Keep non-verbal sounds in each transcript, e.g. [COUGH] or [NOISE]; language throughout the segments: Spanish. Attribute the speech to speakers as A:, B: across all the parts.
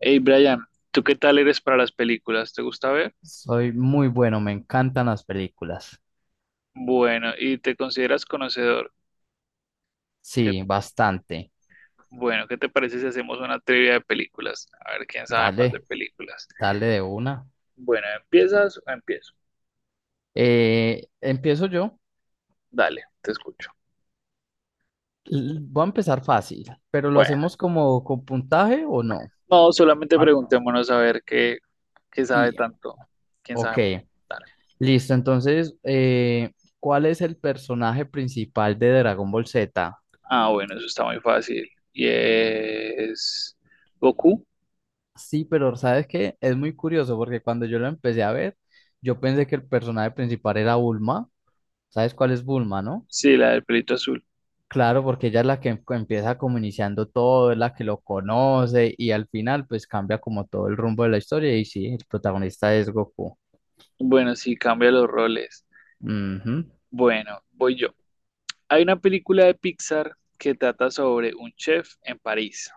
A: Hey Brian, ¿tú qué tal eres para las películas? ¿Te gusta ver?
B: Soy muy bueno, me encantan las películas.
A: Bueno, ¿y te consideras conocedor? ¿Qué-
B: Sí, bastante.
A: bueno, ¿qué te parece si hacemos una trivia de películas? A ver quién sabe más de
B: Dale,
A: películas.
B: dale de una.
A: Bueno, ¿empiezas o empiezo?
B: Empiezo yo.
A: Dale, te escucho.
B: Voy a empezar fácil, pero ¿lo
A: Bueno,
B: hacemos como con puntaje o no?
A: no, solamente
B: Ah, no.
A: preguntémonos a ver qué sabe
B: Y,
A: tanto. ¿Quién
B: ok,
A: sabe más? Dale.
B: listo. Entonces, ¿cuál es el personaje principal de Dragon Ball Z?
A: Ah, bueno, eso está muy fácil. Y es Goku,
B: Sí, pero ¿sabes qué? Es muy curioso porque cuando yo lo empecé a ver, yo pensé que el personaje principal era Bulma. ¿Sabes cuál es Bulma, no?
A: sí, la del pelito azul.
B: Claro, porque ella es la que empieza como iniciando todo, es la que lo conoce y al final pues cambia como todo el rumbo de la historia y sí, el protagonista es Goku.
A: Bueno, sí, cambia los roles.
B: Ujú.
A: Bueno, voy yo. Hay una película de Pixar que trata sobre un chef en París.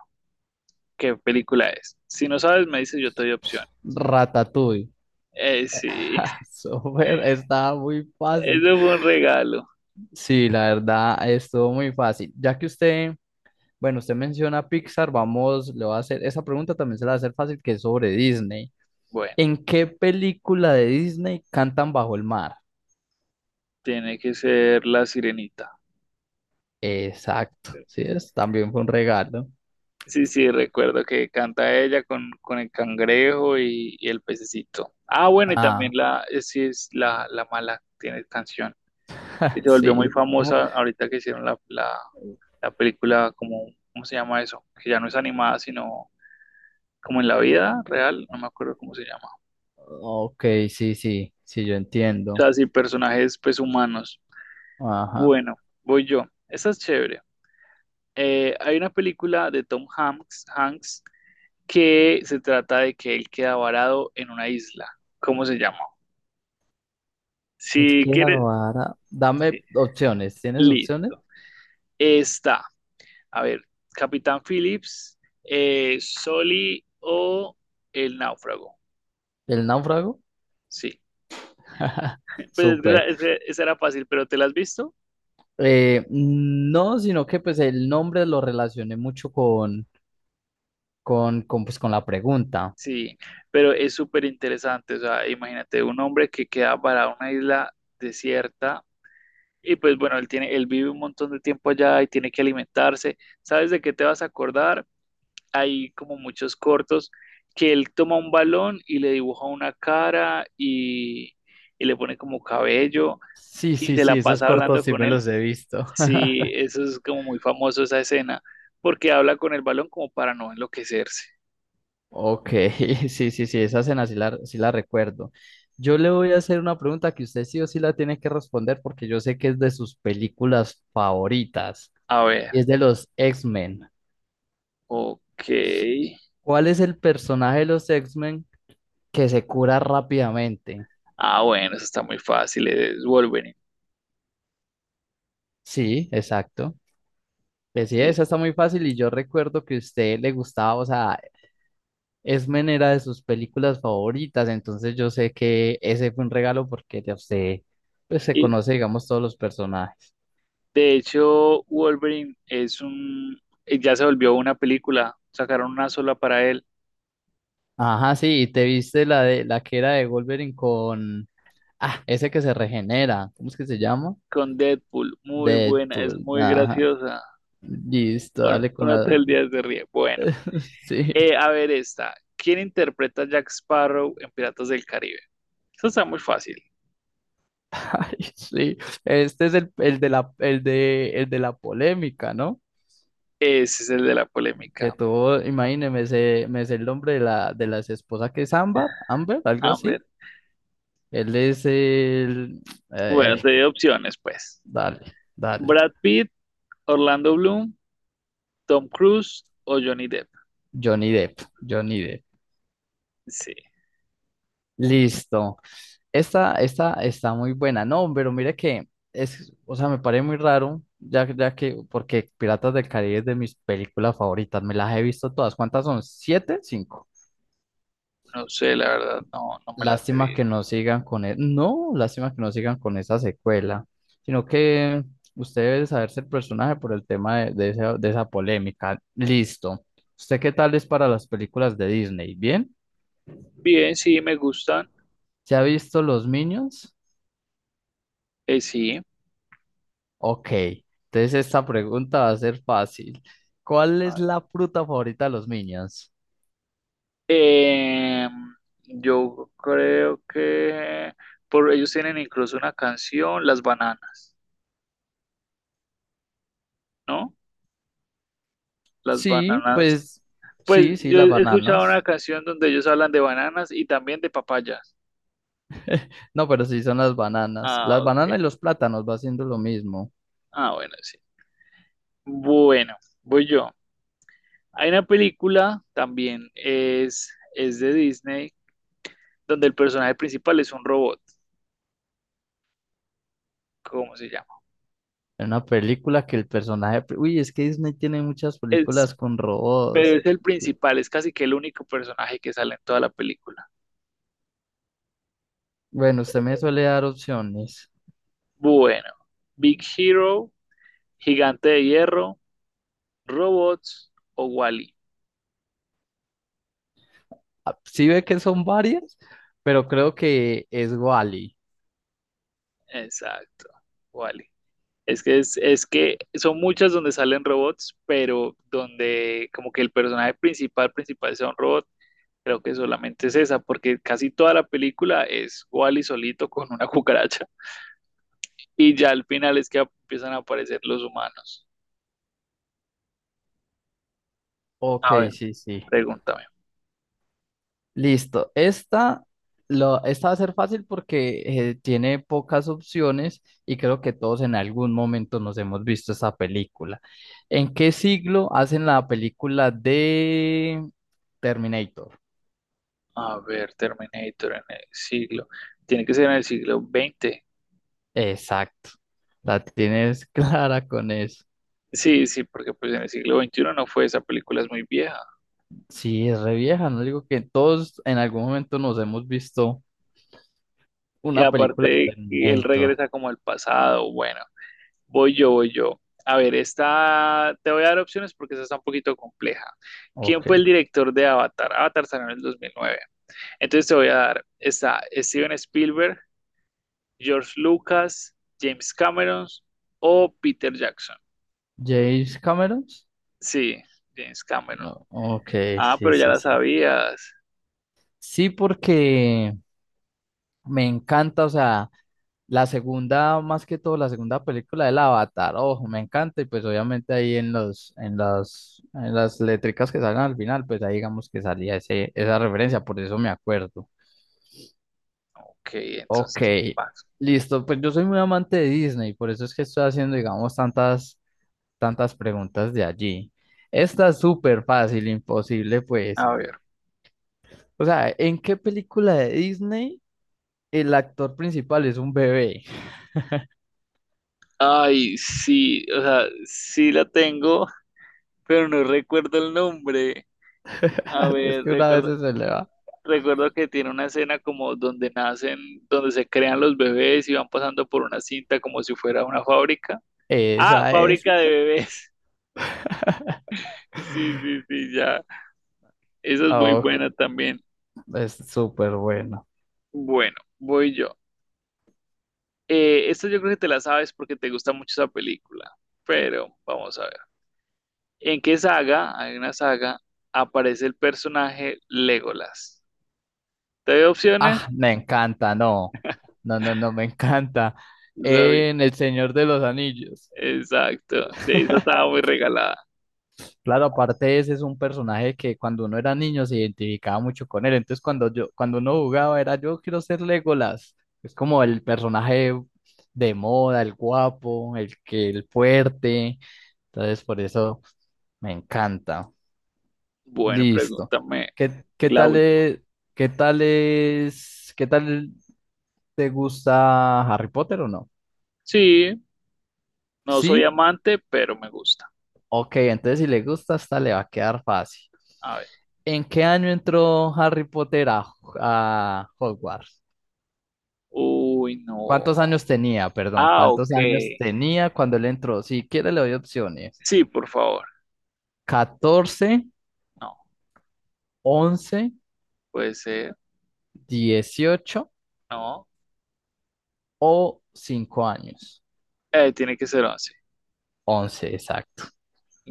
A: ¿Qué película es? Si no sabes, me dices, yo te doy opciones.
B: Ratatouille.
A: Sí, [LAUGHS]
B: [LAUGHS] Súper, estaba muy
A: eso
B: fácil.
A: fue un regalo.
B: Sí, la verdad, estuvo muy fácil. Ya que usted, bueno, usted menciona Pixar, vamos, le voy a hacer, esa pregunta también se la va a hacer fácil, que es sobre Disney.
A: Bueno,
B: ¿En qué película de Disney cantan bajo el mar?
A: tiene que ser La Sirenita.
B: Exacto, sí, es, también fue un regalo.
A: Sí, sí, recuerdo que canta ella con el cangrejo y el pececito. Ah, bueno, y también
B: Ah,
A: sí, es la mala, tiene canción. Y
B: [LAUGHS]
A: se volvió
B: sí,
A: muy
B: es como.
A: famosa ahorita que hicieron la película, como, ¿cómo se llama eso? Que ya no es animada, sino como en la vida real, no me acuerdo cómo se llama.
B: Ok, sí, sí, sí, yo
A: O
B: entiendo.
A: sea, sí, personajes pues humanos.
B: Ajá.
A: Bueno, voy yo. Esta es chévere. Hay una película de Hanks que se trata de que él queda varado en una isla. ¿Cómo se llama?
B: Él
A: Si
B: queda
A: quieres,
B: vara.
A: sí,
B: Dame opciones. ¿Tienes opciones?
A: listo. Está, a ver, Capitán Phillips, Soli o El Náufrago.
B: ¿El náufrago?
A: Sí,
B: [LAUGHS]
A: pues es que
B: Súper.
A: esa era fácil, pero ¿te la has visto?
B: No, sino que pues el nombre lo relacioné mucho con, pues, con la pregunta.
A: Sí, pero es súper interesante, o sea, imagínate un hombre que queda para una isla desierta y pues bueno, él tiene, él vive un montón de tiempo allá y tiene que alimentarse. ¿Sabes de qué te vas a acordar? Hay como muchos cortos que él toma un balón y le dibuja una cara y le pone como cabello
B: Sí,
A: y
B: sí,
A: se
B: sí,
A: la
B: esos
A: pasa
B: cortos
A: hablando
B: sí
A: con
B: me
A: él.
B: los he visto.
A: Sí, eso es como muy famoso esa escena, porque habla con el balón como para no enloquecerse.
B: Ok, [LAUGHS] sí, sí, sí, esa cena sí la recuerdo. Yo le voy a hacer una pregunta que usted sí o sí la tiene que responder porque yo sé que es de sus películas favoritas
A: A ver,
B: y es de los X-Men.
A: ok.
B: ¿Cuál es el personaje de los X-Men que se cura rápidamente?
A: Ah, bueno, eso está muy fácil, es Wolverine.
B: Sí, exacto. Pues sí, esa
A: Sí.
B: está muy fácil y yo recuerdo que a usted le gustaba, o sea, X-Men era de sus películas favoritas, entonces yo sé que ese fue un regalo porque de usted pues, se
A: Y
B: conoce, digamos, todos los personajes.
A: de hecho, ya se volvió una película, sacaron una sola para él
B: Ajá, sí, y te viste la de la que era de Wolverine con ese que se regenera, ¿cómo es que se llama?
A: con Deadpool, muy buena, es
B: Deadpool,
A: muy
B: ajá.
A: graciosa.
B: Listo,
A: Bueno,
B: dale con
A: uno
B: la
A: todo el día se ríe. Bueno,
B: [LAUGHS] sí.
A: a ver esta. ¿Quién interpreta a Jack Sparrow en Piratas del Caribe? Eso está muy fácil.
B: [LAUGHS] Ay, sí. Este es el de la polémica, ¿no?
A: Ese es el de la
B: Que
A: polémica.
B: tuvo, imagíneme, me sé el nombre de la de las esposas que es Ámbar, Amber, algo
A: A ver,
B: así. Él es el eh,
A: bueno, te doy opciones, pues.
B: dale, dale.
A: Brad Pitt, Orlando Bloom, Tom Cruise o Johnny Depp.
B: Johnny Depp, Johnny Depp.
A: Sí.
B: Listo. Esta está muy buena, no, pero mira que es, o sea, me parece muy raro, ya, ya que, porque Piratas del Caribe es de mis películas favoritas, me las he visto todas. ¿Cuántas son? ¿Siete? ¿Cinco?
A: No sé, la verdad, no, no me las he
B: Lástima que
A: visto.
B: no sigan con, no, lástima que no sigan con esa secuela, sino que usted debe saberse el personaje por el tema de esa polémica. Listo. ¿Usted qué tal es para las películas de Disney? ¿Bien?
A: Bien, sí, me gustan.
B: ¿Se ha visto Los Minions?
A: Sí.
B: Ok, entonces esta pregunta va a ser fácil. ¿Cuál
A: A
B: es
A: ver.
B: la fruta favorita de los niños?
A: Eh, yo creo que por ellos tienen incluso una canción, Las Bananas, ¿no? Las
B: Sí,
A: bananas.
B: pues
A: Pues
B: sí, sí,
A: yo
B: las
A: he escuchado una
B: bananas.
A: canción donde ellos hablan de bananas y también de papayas.
B: No, pero sí son las bananas.
A: Ah,
B: Las
A: ok.
B: bananas y los plátanos va haciendo lo mismo.
A: Ah, bueno, sí. Bueno, voy yo. Hay una película también, es de Disney, donde el personaje principal es un robot. ¿Cómo se llama?
B: En una película que el personaje uy, es que Disney tiene muchas
A: Es
B: películas con
A: pero
B: robots.
A: es el principal, es casi que el único personaje que sale en toda la película.
B: Bueno, usted me suele dar opciones.
A: Bueno, Big Hero, Gigante de Hierro, Robots o Wall-E.
B: Ah, sí ve que son varias, pero creo que es Wally.
A: Exacto, Wall-E. Es que, es que son muchas donde salen robots, pero donde como que el personaje principal sea un robot, creo que solamente es esa, porque casi toda la película es Wall-E solito con una [LAUGHS] cucaracha y ya al final es que empiezan a aparecer los humanos.
B: Ok,
A: A ver,
B: sí, sí.
A: pregúntame.
B: Listo. Esta, esta va a ser fácil porque tiene pocas opciones y creo que todos en algún momento nos hemos visto esta película. ¿En qué siglo hacen la película de Terminator?
A: A ver, Terminator en el siglo. Tiene que ser en el siglo XX.
B: Exacto. La tienes [LAUGHS] clara con eso.
A: Sí, sí, porque pues en el siglo XXI no fue, esa película es muy vieja.
B: Sí, es re vieja, no digo que todos en algún momento nos hemos visto
A: Y
B: una película de
A: aparte, él
B: Terminator.
A: regresa como al pasado. Bueno, voy yo. A ver, esta te voy a dar opciones porque esta está un poquito compleja. ¿Quién
B: Ok.
A: fue el director de Avatar? Avatar salió en el 2009. Entonces te voy a dar, está Steven Spielberg, George Lucas, James Cameron o Peter Jackson.
B: ¿James Cameron?
A: Sí, James Cameron.
B: No. Ok,
A: Ah,
B: sí,
A: pero ya
B: sí,
A: la
B: sí.
A: sabías.
B: Sí, porque me encanta, o sea, la segunda, más que todo, la segunda película del Avatar, ojo, me encanta, y pues obviamente ahí en las letricas que salen al final, pues ahí digamos que salía esa referencia, por eso me acuerdo.
A: Ok,
B: Ok,
A: entonces vas.
B: listo. Pues yo soy muy amante de Disney, por eso es que estoy haciendo, digamos, tantas preguntas de allí. Esta es súper fácil, imposible, pues.
A: A ver.
B: O sea, ¿en qué película de Disney el actor principal es un bebé?
A: Ay, sí, o sea, sí la tengo, pero no recuerdo el nombre. A
B: [LAUGHS] Es
A: ver,
B: que una vez se le va.
A: recuerdo que tiene una escena como donde nacen, donde se crean los bebés y van pasando por una cinta como si fuera una fábrica. Ah,
B: Esa es.
A: fábrica de bebés. [LAUGHS] Sí, sí, sí, ya. Esa es muy
B: Ok,
A: buena también.
B: es súper bueno.
A: Bueno, voy yo. Esta yo creo que te la sabes porque te gusta mucho esa película, pero vamos a ver. ¿En qué saga? Hay una saga, aparece el personaje Legolas. ¿Te doy opciones?
B: Ah, me encanta, no. No, no, no, me encanta.
A: Sabía.
B: En El Señor de los Anillos.
A: Exacto. Sí, esa
B: [LAUGHS]
A: estaba muy regalada.
B: Claro, aparte ese es un personaje que cuando uno era niño se identificaba mucho con él. Entonces cuando uno jugaba era yo quiero ser Legolas. Es como el personaje de moda, el guapo, el que, el fuerte. Entonces por eso me encanta.
A: Bueno,
B: Listo.
A: pregúntame
B: ¿Qué, qué
A: la
B: tal
A: última.
B: es, qué tal es, qué tal te gusta Harry Potter o no?
A: Sí, no soy
B: ¿Sí?
A: amante, pero me gusta.
B: Ok, entonces si le gusta, esta le va a quedar fácil.
A: A ver.
B: ¿En qué año entró Harry Potter a, Hogwarts?
A: Uy,
B: ¿Cuántos
A: no.
B: años tenía? Perdón,
A: Ah,
B: ¿cuántos
A: ok.
B: años tenía cuando él entró? Si quiere le doy opciones.
A: Sí, por favor.
B: ¿14,
A: No,
B: 11,
A: puede ser.
B: 18
A: No.
B: o 5 años?
A: Tiene que ser 11.
B: 11, exacto.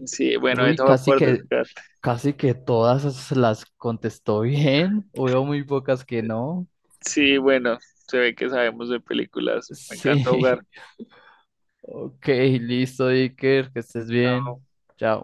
A: Sí, bueno,
B: Uy,
A: eso fue por descarte.
B: casi que todas las contestó bien. Hubo muy pocas que no.
A: Sí, bueno, se ve que sabemos de películas. Me
B: [LAUGHS] Sí.
A: encanta jugar.
B: Ok, listo, Iker, que estés bien.
A: Chao.
B: Chao.